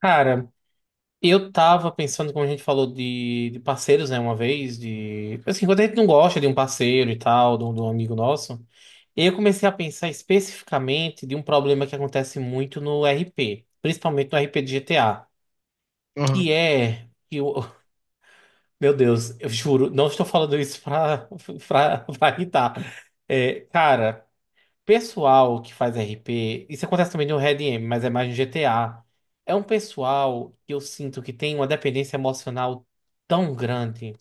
Cara, eu tava pensando, como a gente falou de parceiros, né, uma vez, assim, quando a gente não gosta de um parceiro e tal, de um amigo nosso, eu comecei a pensar especificamente de um problema que acontece muito no RP, principalmente no RP de GTA, Aham. que é... Que o meu Deus, eu juro, não estou falando isso pra irritar. É, cara, pessoal que faz RP, isso acontece também no Red M, mas é mais no GTA. É um pessoal que eu sinto que tem uma dependência emocional tão grande,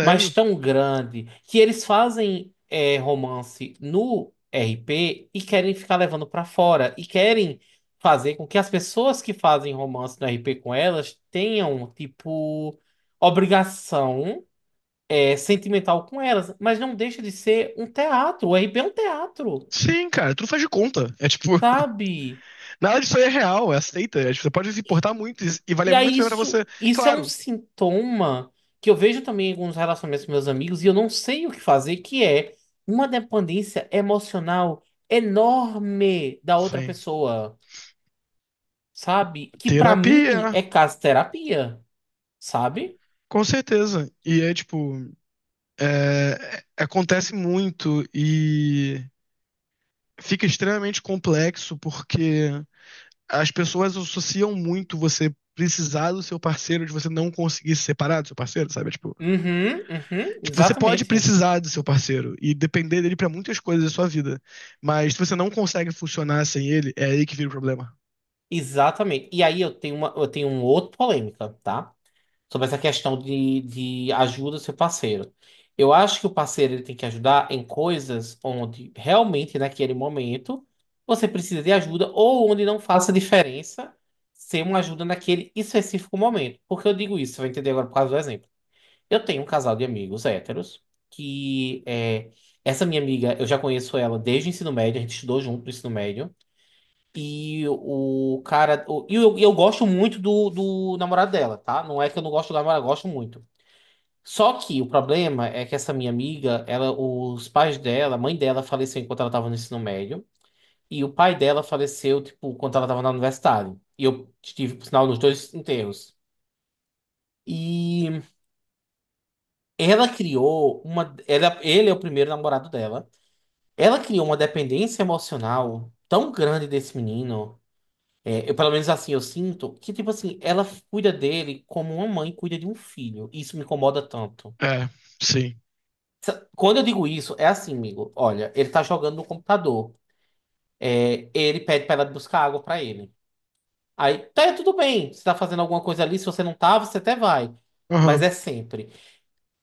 mas tão grande, que eles fazem romance no RP e querem ficar levando pra fora e querem fazer com que as pessoas que fazem romance no RP com elas tenham, tipo, obrigação sentimental com elas, mas não deixa de ser um teatro. O RP é um teatro, Sim, cara, tudo faz de conta. É tipo, sabe? nada disso aí é real, é aceita. É, tipo, você pode se importar muito e valer E muito aí bem pra você. isso é um Claro. sintoma que eu vejo também em alguns relacionamentos com meus amigos e eu não sei o que fazer, que é uma dependência emocional enorme da outra Sim. pessoa, sabe? Que pra mim Terapia, é caso terapia, sabe? com certeza. E é tipo, acontece muito e fica extremamente complexo porque as pessoas associam muito você precisar do seu parceiro de você não conseguir se separar do seu parceiro, sabe? É, tipo, Uhum, uhum, tipo, você pode exatamente. precisar do seu parceiro e depender dele pra muitas coisas da sua vida. Mas se você não consegue funcionar sem ele, é aí que vira o problema. Exatamente. E aí eu tenho uma outra polêmica, tá, sobre essa questão de ajuda seu parceiro. Eu acho que o parceiro ele tem que ajudar em coisas onde realmente naquele momento você precisa de ajuda ou onde não faça diferença ser uma ajuda naquele específico momento. Por que eu digo isso? Você vai entender agora por causa do exemplo. Eu tenho um casal de amigos héteros que é, essa minha amiga, eu já conheço ela desde o ensino médio, a gente estudou junto no ensino médio. E eu gosto muito do namorado dela, tá? Não é que eu não gosto do namorado, eu gosto muito. Só que o problema é que essa minha amiga, ela, os pais dela, a mãe dela faleceu enquanto ela estava no ensino médio. E o pai dela faleceu, tipo, quando ela estava na universidade. E eu estive, por sinal, nos dois enterros. E ela criou uma. Ela, ele é o primeiro namorado dela. Ela criou uma dependência emocional tão grande desse menino. É, eu, pelo menos assim, eu sinto que, tipo assim, ela cuida dele como uma mãe cuida de um filho. E isso me incomoda tanto. É, sim. Quando eu digo isso, é assim, amigo. Olha, ele tá jogando no computador. É, ele pede pra ela buscar água pra ele. Aí, tá, tudo bem. Você tá fazendo alguma coisa ali, se você não tava, você até vai. Mas Aham. é sempre.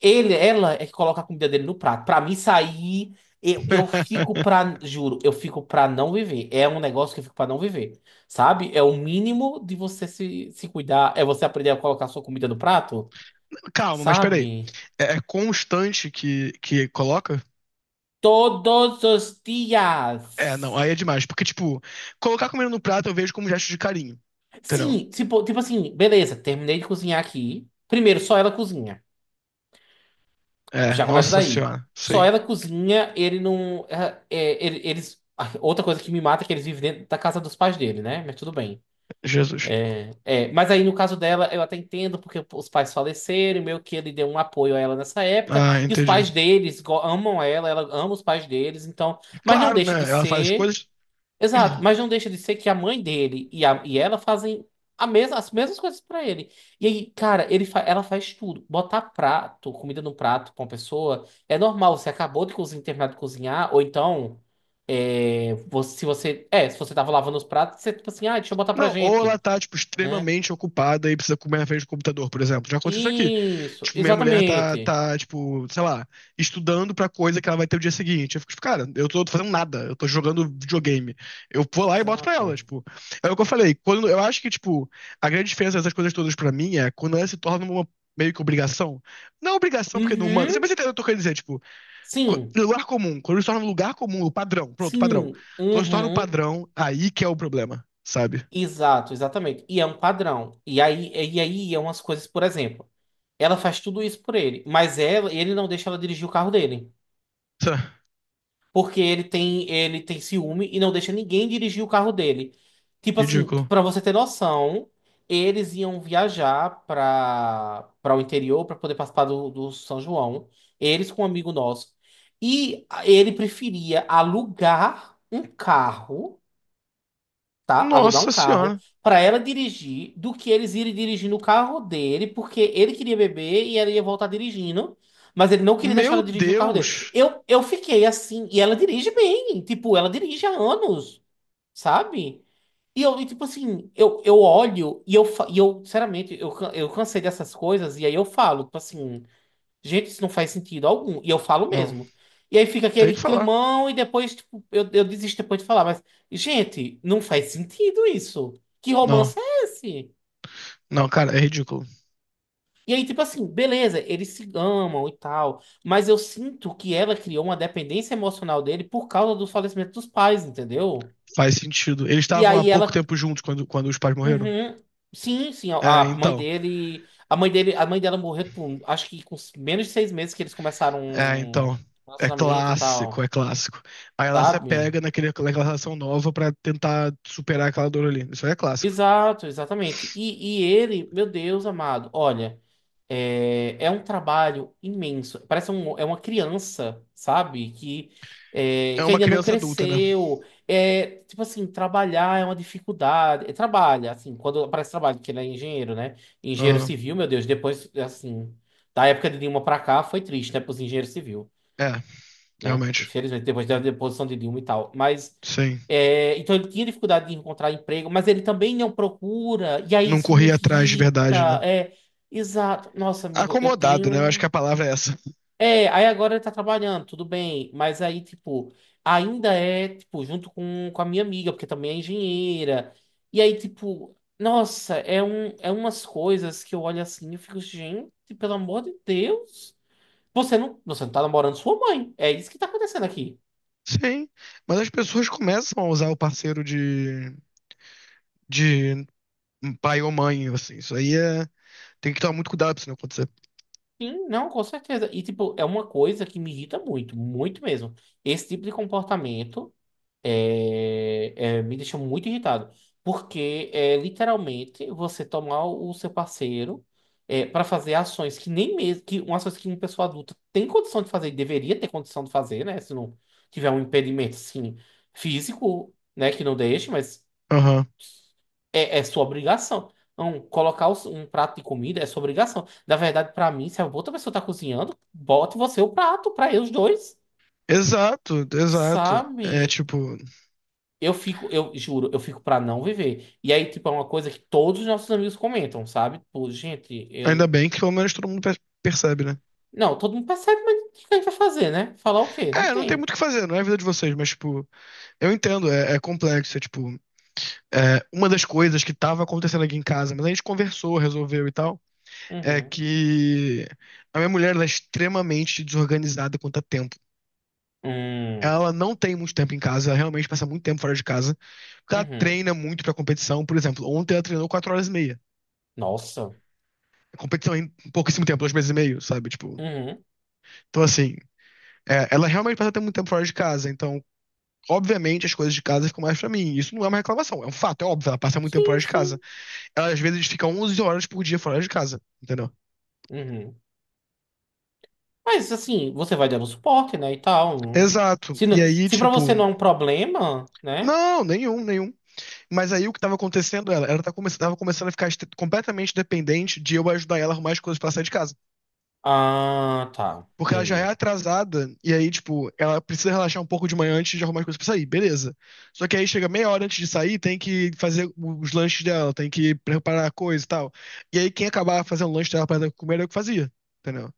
Ela é que coloca a comida dele no prato. Pra mim sair, eu fico pra, juro, eu fico pra não viver. É um negócio que eu fico pra não viver, sabe? É o mínimo de você se cuidar, é você aprender a colocar a sua comida no prato, Calma, mas peraí. sabe? É, é constante que coloca? Todos os É, não, aí dias. é demais. Porque, tipo, colocar comida no prato eu vejo como gesto de carinho. Entendeu? Sim, tipo, tipo assim, beleza, terminei de cozinhar aqui. Primeiro, só ela cozinha. É, Já começa nossa daí. senhora. Só Sim. ela cozinha, ele não. é, é, ele- eles. Ah, outra coisa que me mata é que eles vivem dentro da casa dos pais dele, né? Mas tudo bem. Jesus. É, mas aí no caso dela, eu até entendo porque os pais faleceram, e meio que ele deu um apoio a ela nessa época, Ah, e os entendi. pais deles amam ela, ela ama os pais deles, então, mas não Claro, deixa de né? Ela faz as ser, coisas. exato, mas não deixa de ser que a mãe dele e, e ela fazem as mesmas coisas pra ele. E aí, cara, ela faz tudo, botar prato, comida no prato pra uma pessoa, é normal, você acabou de cozinhar, terminar de cozinhar, ou então, é, se você tava lavando os pratos, você tipo assim, ah, deixa eu botar pra Não, ou ela gente, tá, tipo, né? extremamente ocupada e precisa comer na frente do computador, por exemplo. Já aconteceu isso aqui. Isso, Tipo, minha mulher tá, exatamente. tá, tipo, sei lá, estudando pra coisa que ela vai ter o dia seguinte. Eu fico, tipo, cara, eu tô fazendo nada, eu tô jogando videogame. Eu vou lá e boto pra Exato. ela, tipo. É o que eu falei, quando, eu acho que, tipo, a grande diferença dessas coisas todas pra mim é quando ela se torna uma meio que obrigação. Não obrigação, porque não manda. Você vai Uhum. você entendeu o que eu tô dizer, tipo, Sim, lugar comum. Quando se torna um lugar comum, o padrão, pronto, padrão. sim. Quando se torna o Uhum. padrão, aí que é o problema, sabe? Exato, exatamente. E é um padrão. E aí é umas coisas, por exemplo, ela faz tudo isso por ele, mas ela, ele não deixa ela dirigir o carro dele, porque ele tem ciúme e não deixa ninguém dirigir o carro dele. Tipo assim, Ridículo. pra você ter noção, eles iam viajar pra para o interior pra poder participar do São João, eles com um amigo nosso. E ele preferia alugar um carro, tá? Alugar um Nossa carro senhora. para ela dirigir do que eles irem dirigir no carro dele, porque ele queria beber e ela ia voltar dirigindo, mas ele não queria deixar Meu ela dirigir o carro dele. Deus. Eu fiquei assim, e ela dirige bem, tipo, ela dirige há anos, sabe? E eu, e, tipo assim, eu olho e eu, sinceramente, eu cansei dessas coisas, e aí eu falo, tipo assim. Gente, isso não faz sentido algum. E eu falo Não, mesmo. E aí fica tem aquele que falar. climão e depois, tipo, eu desisto depois de falar. Mas, gente, não faz sentido isso. Que Não, romance é esse? não, cara, é ridículo. E aí, tipo assim, beleza, eles se amam e tal. Mas eu sinto que ela criou uma dependência emocional dele por causa do falecimento dos pais, entendeu? Faz sentido. Eles E estavam há aí ela. pouco tempo juntos quando os pais morreram. Uhum. Sim, sim, a É, a mãe então. dele. A mãe dela morreu, tipo, acho que com menos de 6 meses que eles começaram É, um então. É relacionamento e clássico, é tal, clássico. Aí ela se sabe? pega naquela relação nova pra tentar superar aquela dor ali. Isso aí é clássico. Exato, exatamente. E ele, meu Deus amado, olha, é, é um trabalho imenso. Parece um, é uma criança, sabe? Que, é, É que uma ainda não criança adulta, né? cresceu. É, tipo assim, trabalhar é uma dificuldade. É, trabalha, assim, quando aparece trabalho, porque ele é engenheiro, né? Engenheiro Aham. civil, meu Deus, depois, assim, da época de Dilma pra cá, foi triste, né, pros engenheiros civis, É, né? realmente. Infelizmente, depois da deposição de Dilma e tal. Mas, Sim. é, então ele tinha dificuldade de encontrar emprego, mas ele também não procura, e aí Não isso me corria atrás de verdade, né? irrita. É, exato. Nossa, amigo, eu Acomodado, tenho. né? Eu acho que Um, a palavra é essa. é, aí agora ele tá trabalhando, tudo bem, mas aí, tipo, ainda é, tipo, junto com a minha amiga, porque também é engenheira. E aí, tipo, nossa, é, um, é umas coisas que eu olho assim e fico, gente, pelo amor de Deus. Você não tá namorando sua mãe. É isso que tá acontecendo aqui. Sim, mas as pessoas começam a usar o parceiro de pai ou mãe, assim. Isso aí é, tem que tomar muito cuidado pra isso não. Sim, não, com certeza. E, tipo, é uma coisa que me irrita muito, muito mesmo. Esse tipo de comportamento é, me deixa muito irritado. Porque é literalmente você tomar o seu parceiro, é, para fazer ações que nem mesmo, que uma ações que uma pessoa adulta tem condição de fazer e deveria ter condição de fazer, né? Se não tiver um impedimento, assim, físico, né, que não deixe, mas. Aham. É, é sua obrigação. Não, colocar um prato de comida é sua obrigação. Na verdade, pra mim, se a outra pessoa tá cozinhando, bote você o prato pra eles dois, Exato, exato. É sabe? tipo, Eu fico, eu juro, eu fico pra não viver. E aí, tipo, é uma coisa que todos os nossos amigos comentam, sabe? Tipo, gente, ainda eu. bem que pelo menos todo mundo percebe, né? Não, todo mundo percebe, mas o que a gente vai fazer, né? Falar o quê? Não É, não tem tem. muito o que fazer, não é a vida de vocês, mas tipo, eu entendo, é, é complexo, é tipo, é uma das coisas que tava acontecendo aqui em casa, mas a gente conversou, resolveu e tal. É Uhum. que a minha mulher ela é extremamente desorganizada quanto a tempo. Hum. Ela não tem muito tempo em casa, ela realmente passa muito tempo fora de casa, porque ela Uhum. treina muito pra competição. Por exemplo, ontem ela treinou 4 horas e meia. Nossa. A competição é em pouquíssimo tempo, 2 meses e meio, sabe? Tipo, Uhum. então assim, é, ela realmente passa até muito tempo fora de casa, então. Obviamente as coisas de casa ficam mais pra mim. Isso não é uma reclamação, é um fato, é óbvio. Ela passa muito tempo Sim, fora de casa. sim. Ela às vezes fica 11 horas por dia fora de casa, entendeu? Uhum. Mas assim, você vai dando suporte, né? E tal. Hum. Exato. Se, E não- aí, se pra tipo, você não é um problema, né? não, nenhum, nenhum. Mas aí o que estava acontecendo era, ela tava começando a ficar completamente dependente de eu ajudar ela a arrumar as coisas pra sair de casa. Ah, tá. Porque ela já é Entendi. atrasada, e aí, tipo, ela precisa relaxar um pouco de manhã antes de arrumar as coisas pra sair, beleza. Só que aí chega meia hora antes de sair, tem que fazer os lanches dela, tem que preparar a coisa e tal. E aí quem acabava fazendo o lanche dela pra ela comer era eu que fazia, entendeu?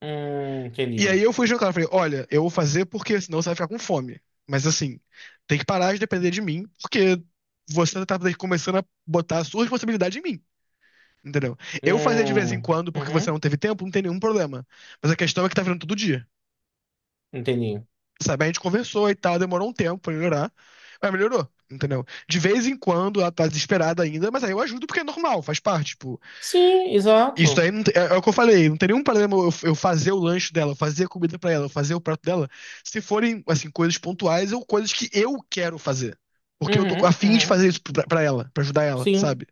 E aí Entendi. eu fui jantar, eu falei, olha, eu vou fazer porque senão você vai ficar com fome. Mas assim, tem que parar de depender de mim, porque você tá começando a botar a sua responsabilidade em mim. Entendeu? Eu fazia de vez em Hum, quando, porque você não uhum, teve tempo, não tem nenhum problema. Mas a questão é que tá virando todo dia. entendi. Sabe? A gente conversou e tal, demorou um tempo pra melhorar, mas melhorou, entendeu? De vez em quando ela tá desesperada ainda, mas aí eu ajudo porque é normal, faz parte. Tipo, Sim, isso exato. aí não tem- é, é o que eu falei, não tem nenhum problema eu fazer o lanche dela, eu fazer a comida pra ela, eu fazer o prato dela, se forem, assim, coisas pontuais ou coisas que eu quero fazer. Porque eu tô a Uhum, fim de uhum, fazer isso pra ela, pra ajudar ela, sim, sabe?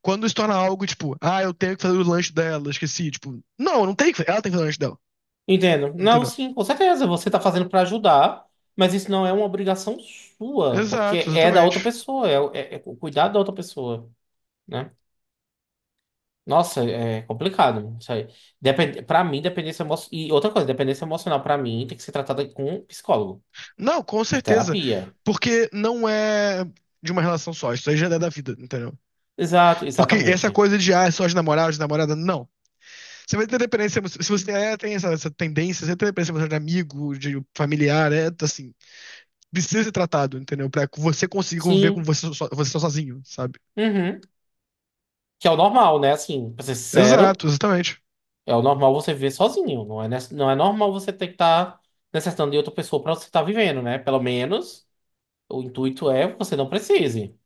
Quando isso torna algo, tipo, ah, eu tenho que fazer o lanche dela, esqueci. Tipo, não, não tem que fazer. Ela tem que fazer o lanche dela. entendo. Não, Entendeu? sim, com certeza. Você está fazendo para ajudar, mas isso não é uma obrigação sua, porque Exato, é da outra exatamente. pessoa, é o cuidado da outra pessoa, né? Nossa, é complicado isso aí. Depende, para mim, dependência emocional. E outra coisa, dependência emocional pra mim tem que ser tratada com um psicólogo. Não, com É certeza. terapia. Porque não é de uma relação só. Isso aí já é da vida, entendeu? Exato, Porque essa exatamente. coisa de, ah, é só de namorado, de namorada, não. Você vai ter dependência. Se você tem, é, tem essa tendência, você tem dependência emocional de amigo, de familiar, é assim. Precisa ser tratado, entendeu? Pra você conseguir conviver com Sim. você, você sozinho, sabe? Uhum. Que é o normal, né? Assim, pra ser sincero, Exato, exatamente. é o normal você viver sozinho. Não é normal você ter que estar necessitando de outra pessoa pra você estar vivendo, né? Pelo menos o intuito é você não precise.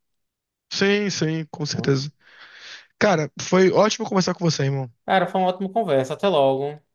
Sim, sim, com Então, certeza. Cara, foi ótimo conversar com você, irmão. cara, foi uma ótima conversa. Até logo.